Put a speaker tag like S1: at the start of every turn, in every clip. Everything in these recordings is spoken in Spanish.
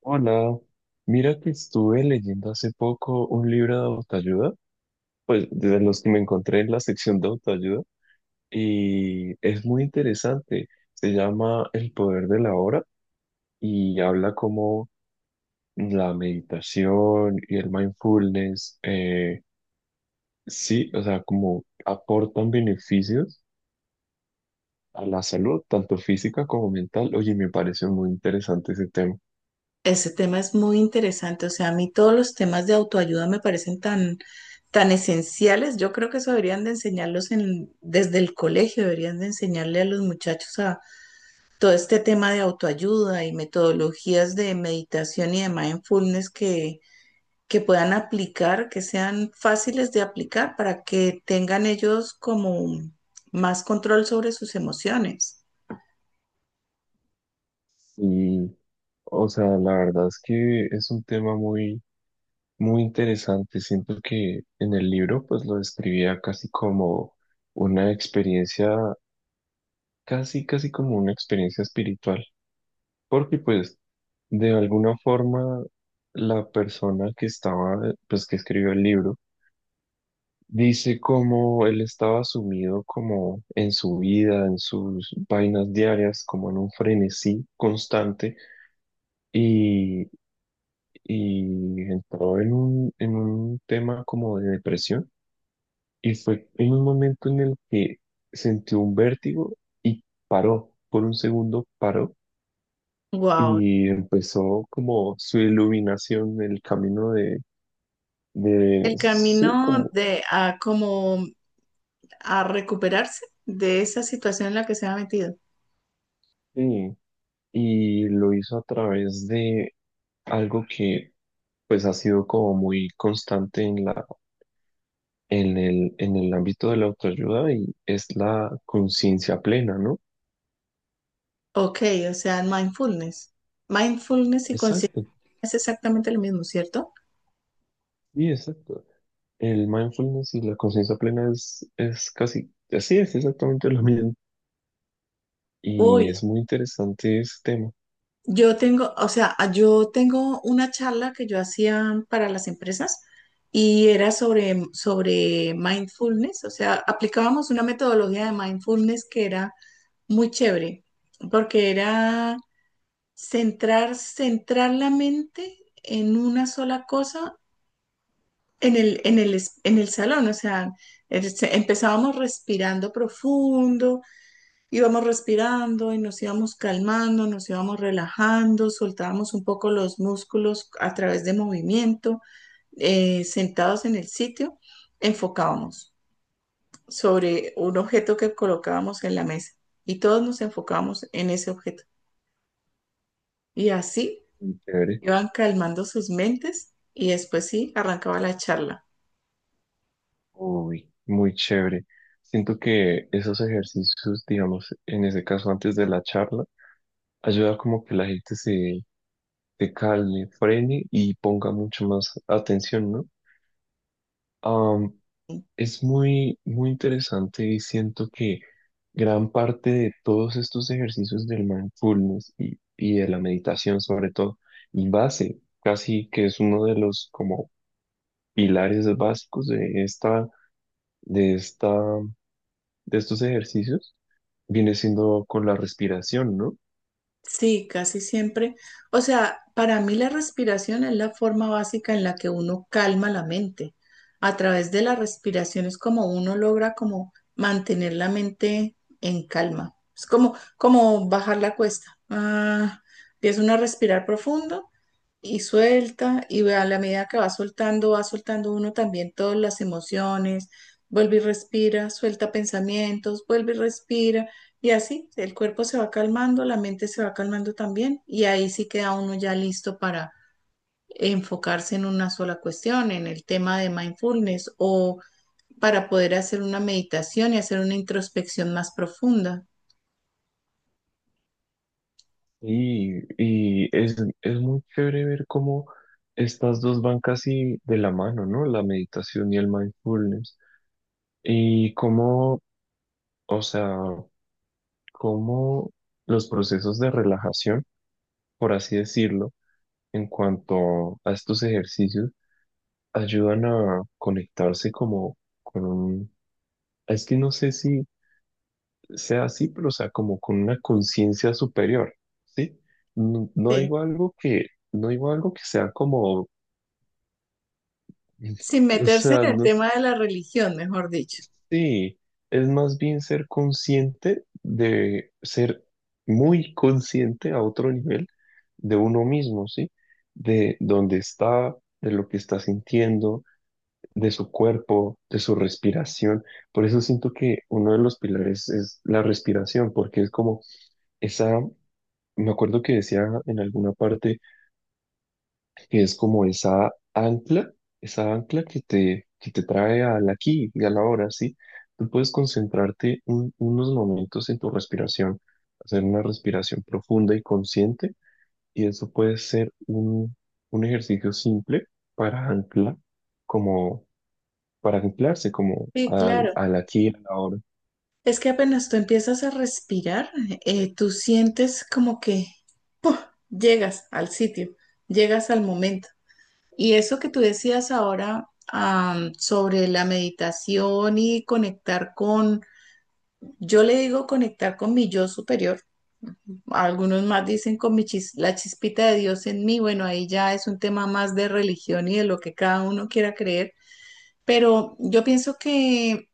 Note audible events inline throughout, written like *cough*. S1: Hola, mira que estuve leyendo hace poco un libro de autoayuda, pues de los que me encontré en la sección de autoayuda, y es muy interesante. Se llama El poder de la hora y habla como la meditación y el mindfulness, sí, o sea, como aportan beneficios a la salud, tanto física como mental. Oye, me pareció muy interesante ese tema.
S2: Ese tema es muy interesante, o sea, a mí todos los temas de autoayuda me parecen tan esenciales. Yo creo que eso deberían de enseñarlos en, desde el colegio, deberían de enseñarle a los muchachos a todo este tema de autoayuda y metodologías de meditación y de mindfulness que puedan aplicar, que sean fáciles de aplicar para que tengan ellos como más control sobre sus emociones.
S1: Y, o sea, la verdad es que es un tema muy interesante, siento que en el libro pues lo describía casi como una experiencia, casi casi como una experiencia espiritual, porque pues de alguna forma la persona que estaba, pues que escribió el libro, dice como él estaba sumido como en su vida, en sus vainas diarias, como en un frenesí constante y, y entró en un tema como de depresión. Y fue en un momento en el que sintió un vértigo y paró, por un segundo paró
S2: Wow.
S1: y empezó como su iluminación, el camino de
S2: El
S1: sí,
S2: camino
S1: como,
S2: de a como a recuperarse de esa situación en la que se ha metido.
S1: sí, y lo hizo a través de algo que pues ha sido como muy constante en el ámbito de la autoayuda y es la conciencia plena, ¿no?
S2: Ok, o sea, mindfulness. Mindfulness y conciencia
S1: Exacto,
S2: es exactamente lo mismo, ¿cierto?
S1: sí, exacto. El mindfulness y la conciencia plena es casi, así es exactamente lo mismo. Y
S2: Uy,
S1: es muy interesante ese tema.
S2: yo tengo, o sea, yo tengo una charla que yo hacía para las empresas y era sobre mindfulness, o sea, aplicábamos una metodología de mindfulness que era muy chévere, porque era. Centrar, centrar la mente en una sola cosa en en el salón. O sea, empezábamos respirando profundo, íbamos respirando y nos íbamos calmando, nos íbamos relajando, soltábamos un poco los músculos a través de movimiento, sentados en el sitio, enfocábamos sobre un objeto que colocábamos en la mesa y todos nos enfocábamos en ese objeto. Y así.
S1: Muy chévere.
S2: Iban calmando sus mentes y después sí, arrancaba la charla.
S1: Uy, muy chévere. Siento que esos ejercicios, digamos, en ese caso antes de la charla, ayuda como que la gente se calme, frene y ponga mucho más atención, ¿no? Am, Es muy, muy interesante y siento que gran parte de todos estos ejercicios del mindfulness y de la meditación sobre todo, y base, casi que es uno de los como pilares básicos de de esta, estos ejercicios, viene siendo con la respiración, ¿no?
S2: Sí, casi siempre. O sea, para mí la respiración es la forma básica en la que uno calma la mente. A través de la respiración es como uno logra como mantener la mente en calma. Es como, como bajar la cuesta. Ah, empieza uno a respirar profundo y suelta, y a la medida que va soltando uno también todas las emociones, vuelve y respira, suelta pensamientos, vuelve y respira, y así el cuerpo se va calmando, la mente se va calmando también, y ahí sí queda uno ya listo para enfocarse en una sola cuestión, en el tema de mindfulness o para poder hacer una meditación y hacer una introspección más profunda.
S1: Y, y es muy chévere ver cómo estas dos van casi de la mano, ¿no? La meditación y el mindfulness. Y cómo O sea, cómo los procesos de relajación, por así decirlo, en cuanto a estos ejercicios, ayudan a conectarse como con un, es que no sé si sea así, pero o sea, como con una conciencia superior, ¿sí? No, no
S2: Sí,
S1: digo algo que, no digo algo que sea como,
S2: sin
S1: *laughs* o
S2: meterse
S1: sea,
S2: en el
S1: no.
S2: tema de la religión, mejor dicho.
S1: Sí, es más bien ser consciente de ser muy consciente a otro nivel de uno mismo, ¿sí? De dónde está, de lo que está sintiendo, de su cuerpo, de su respiración. Por eso siento que uno de los pilares es la respiración, porque es como esa, me acuerdo que decía en alguna parte que es como esa ancla que te trae al aquí y a la hora, ¿sí? Tú puedes concentrarte unos momentos en tu respiración, hacer una respiración profunda y consciente, y eso puede ser un ejercicio simple para anclar, como para anclarse como
S2: Sí,
S1: al,
S2: claro.
S1: al aquí y a la hora.
S2: Es que apenas tú empiezas a respirar, tú sientes como que llegas al sitio, llegas al momento. Y eso que tú decías ahora, sobre la meditación y conectar con, yo le digo conectar con mi yo superior, algunos más dicen con la chispita de Dios en mí, bueno, ahí ya es un tema más de religión y de lo que cada uno quiera creer, pero yo pienso que.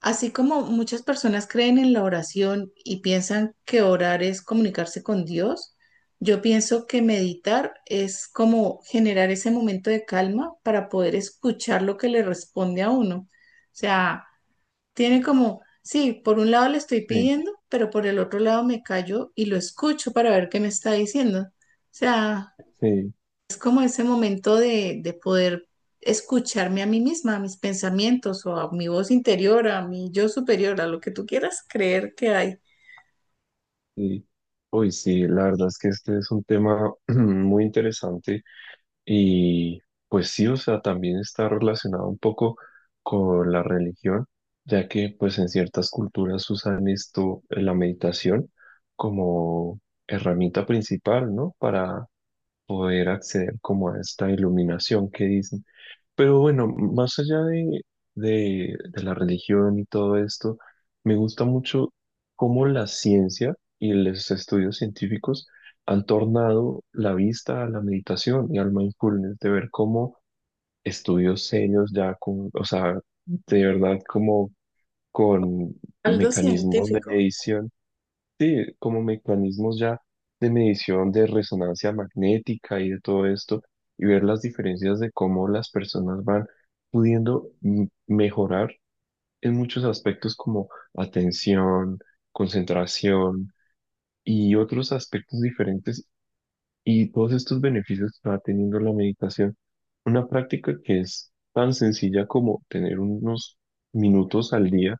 S2: Así como muchas personas creen en la oración y piensan que orar es comunicarse con Dios, yo pienso que meditar es como generar ese momento de calma para poder escuchar lo que le responde a uno. O sea, tiene como, sí, por un lado le estoy
S1: Sí,
S2: pidiendo, pero por el otro lado me callo y lo escucho para ver qué me está diciendo. O sea,
S1: sí,
S2: es como ese momento de poder escucharme a mí misma, a mis pensamientos o a mi voz interior, a mi yo superior, a lo que tú quieras creer que hay.
S1: sí. Uy, sí, la verdad es que este es un tema *clears throat* muy interesante. Y pues sí, o sea, también está relacionado un poco con la religión, ya que pues en ciertas culturas usan esto, la meditación, como herramienta principal, ¿no? Para poder acceder como a esta iluminación que dicen. Pero bueno, más allá de, de la religión y todo esto, me gusta mucho cómo la ciencia y los estudios científicos han tornado la vista a la meditación y al mindfulness, de ver cómo estudios serios ya con, o sea, de verdad como con
S2: Algo
S1: mecanismos de
S2: científico.
S1: medición. Sí, como mecanismos ya de medición de resonancia magnética y de todo esto, y ver las diferencias de cómo las personas van pudiendo mejorar en muchos aspectos como atención, concentración y otros aspectos diferentes, y todos estos beneficios que va teniendo la meditación. Una práctica que es tan sencilla como tener unos minutos al día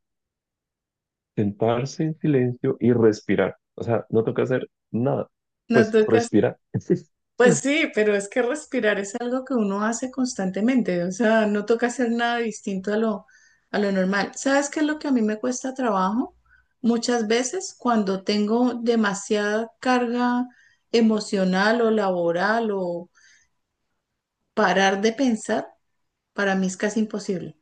S1: sentarse en silencio y respirar. O sea, no toca hacer nada.
S2: No
S1: Pues
S2: tocas.
S1: respirar. *laughs*
S2: Pues sí, pero es que respirar es algo que uno hace constantemente, o sea, no toca hacer nada distinto a a lo normal. ¿Sabes qué es lo que a mí me cuesta trabajo? Muchas veces cuando tengo demasiada carga emocional o laboral o parar de pensar, para mí es casi imposible.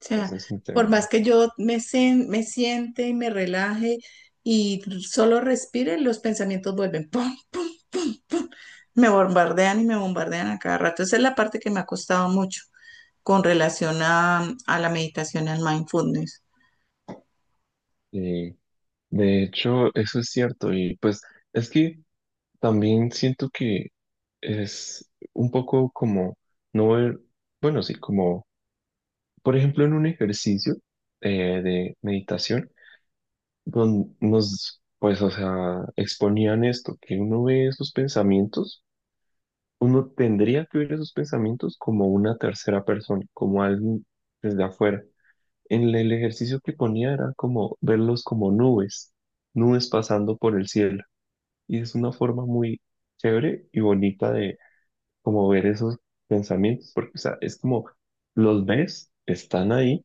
S2: O sea,
S1: Ese es un
S2: por
S1: tema,
S2: más
S1: ¿no?
S2: que yo me siente y me relaje y solo respire, los pensamientos vuelven. ¡Pum! Me bombardean y me bombardean a cada rato. Esa es la parte que me ha costado mucho con relación a la meditación, al mindfulness.
S1: Y de hecho, eso es cierto. Y pues es que también siento que es un poco como no ver, bueno, sí, como, por ejemplo, en un ejercicio de meditación, donde nos, pues, o sea, exponían esto, que uno ve esos pensamientos, uno tendría que ver esos pensamientos como una tercera persona, como alguien desde afuera. En el ejercicio que ponía era como verlos como nubes, nubes pasando por el cielo. Y es una forma muy chévere y bonita de como ver esos pensamientos, porque o sea, es como los ves, están ahí,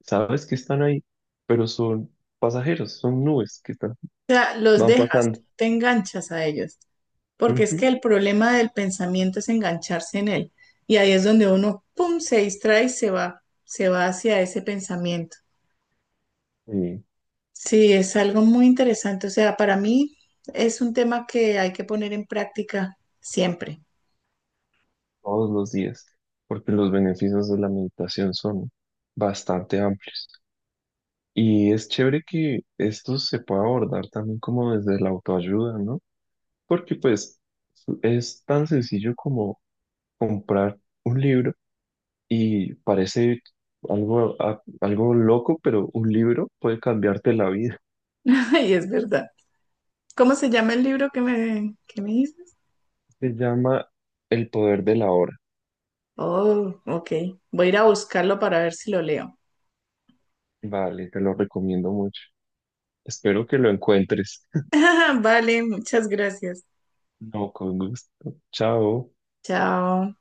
S1: sabes que están ahí, pero son pasajeros, son nubes que están,
S2: O sea, los
S1: van
S2: dejas,
S1: pasando.
S2: te enganchas a ellos, porque es que
S1: Ujú.
S2: el problema del pensamiento es engancharse en él. Y ahí es donde uno, pum, se distrae y se va hacia ese pensamiento.
S1: Sí.
S2: Sí, es algo muy interesante. O sea, para mí es un tema que hay que poner en práctica siempre.
S1: Todos los días, porque los beneficios de la meditación son bastante amplios. Y es chévere que esto se pueda abordar también como desde la autoayuda, ¿no? Porque pues es tan sencillo como comprar un libro y parece algo, algo loco, pero un libro puede cambiarte la vida.
S2: *laughs* Y es verdad. ¿Cómo se llama el libro que que me dices?
S1: Se llama El poder de la hora.
S2: Oh, ok. Voy a ir a buscarlo para ver si lo leo.
S1: Vale, te lo recomiendo mucho. Espero que lo encuentres. *laughs*
S2: *laughs* Vale, muchas gracias.
S1: No, con gusto. Chao.
S2: Chao.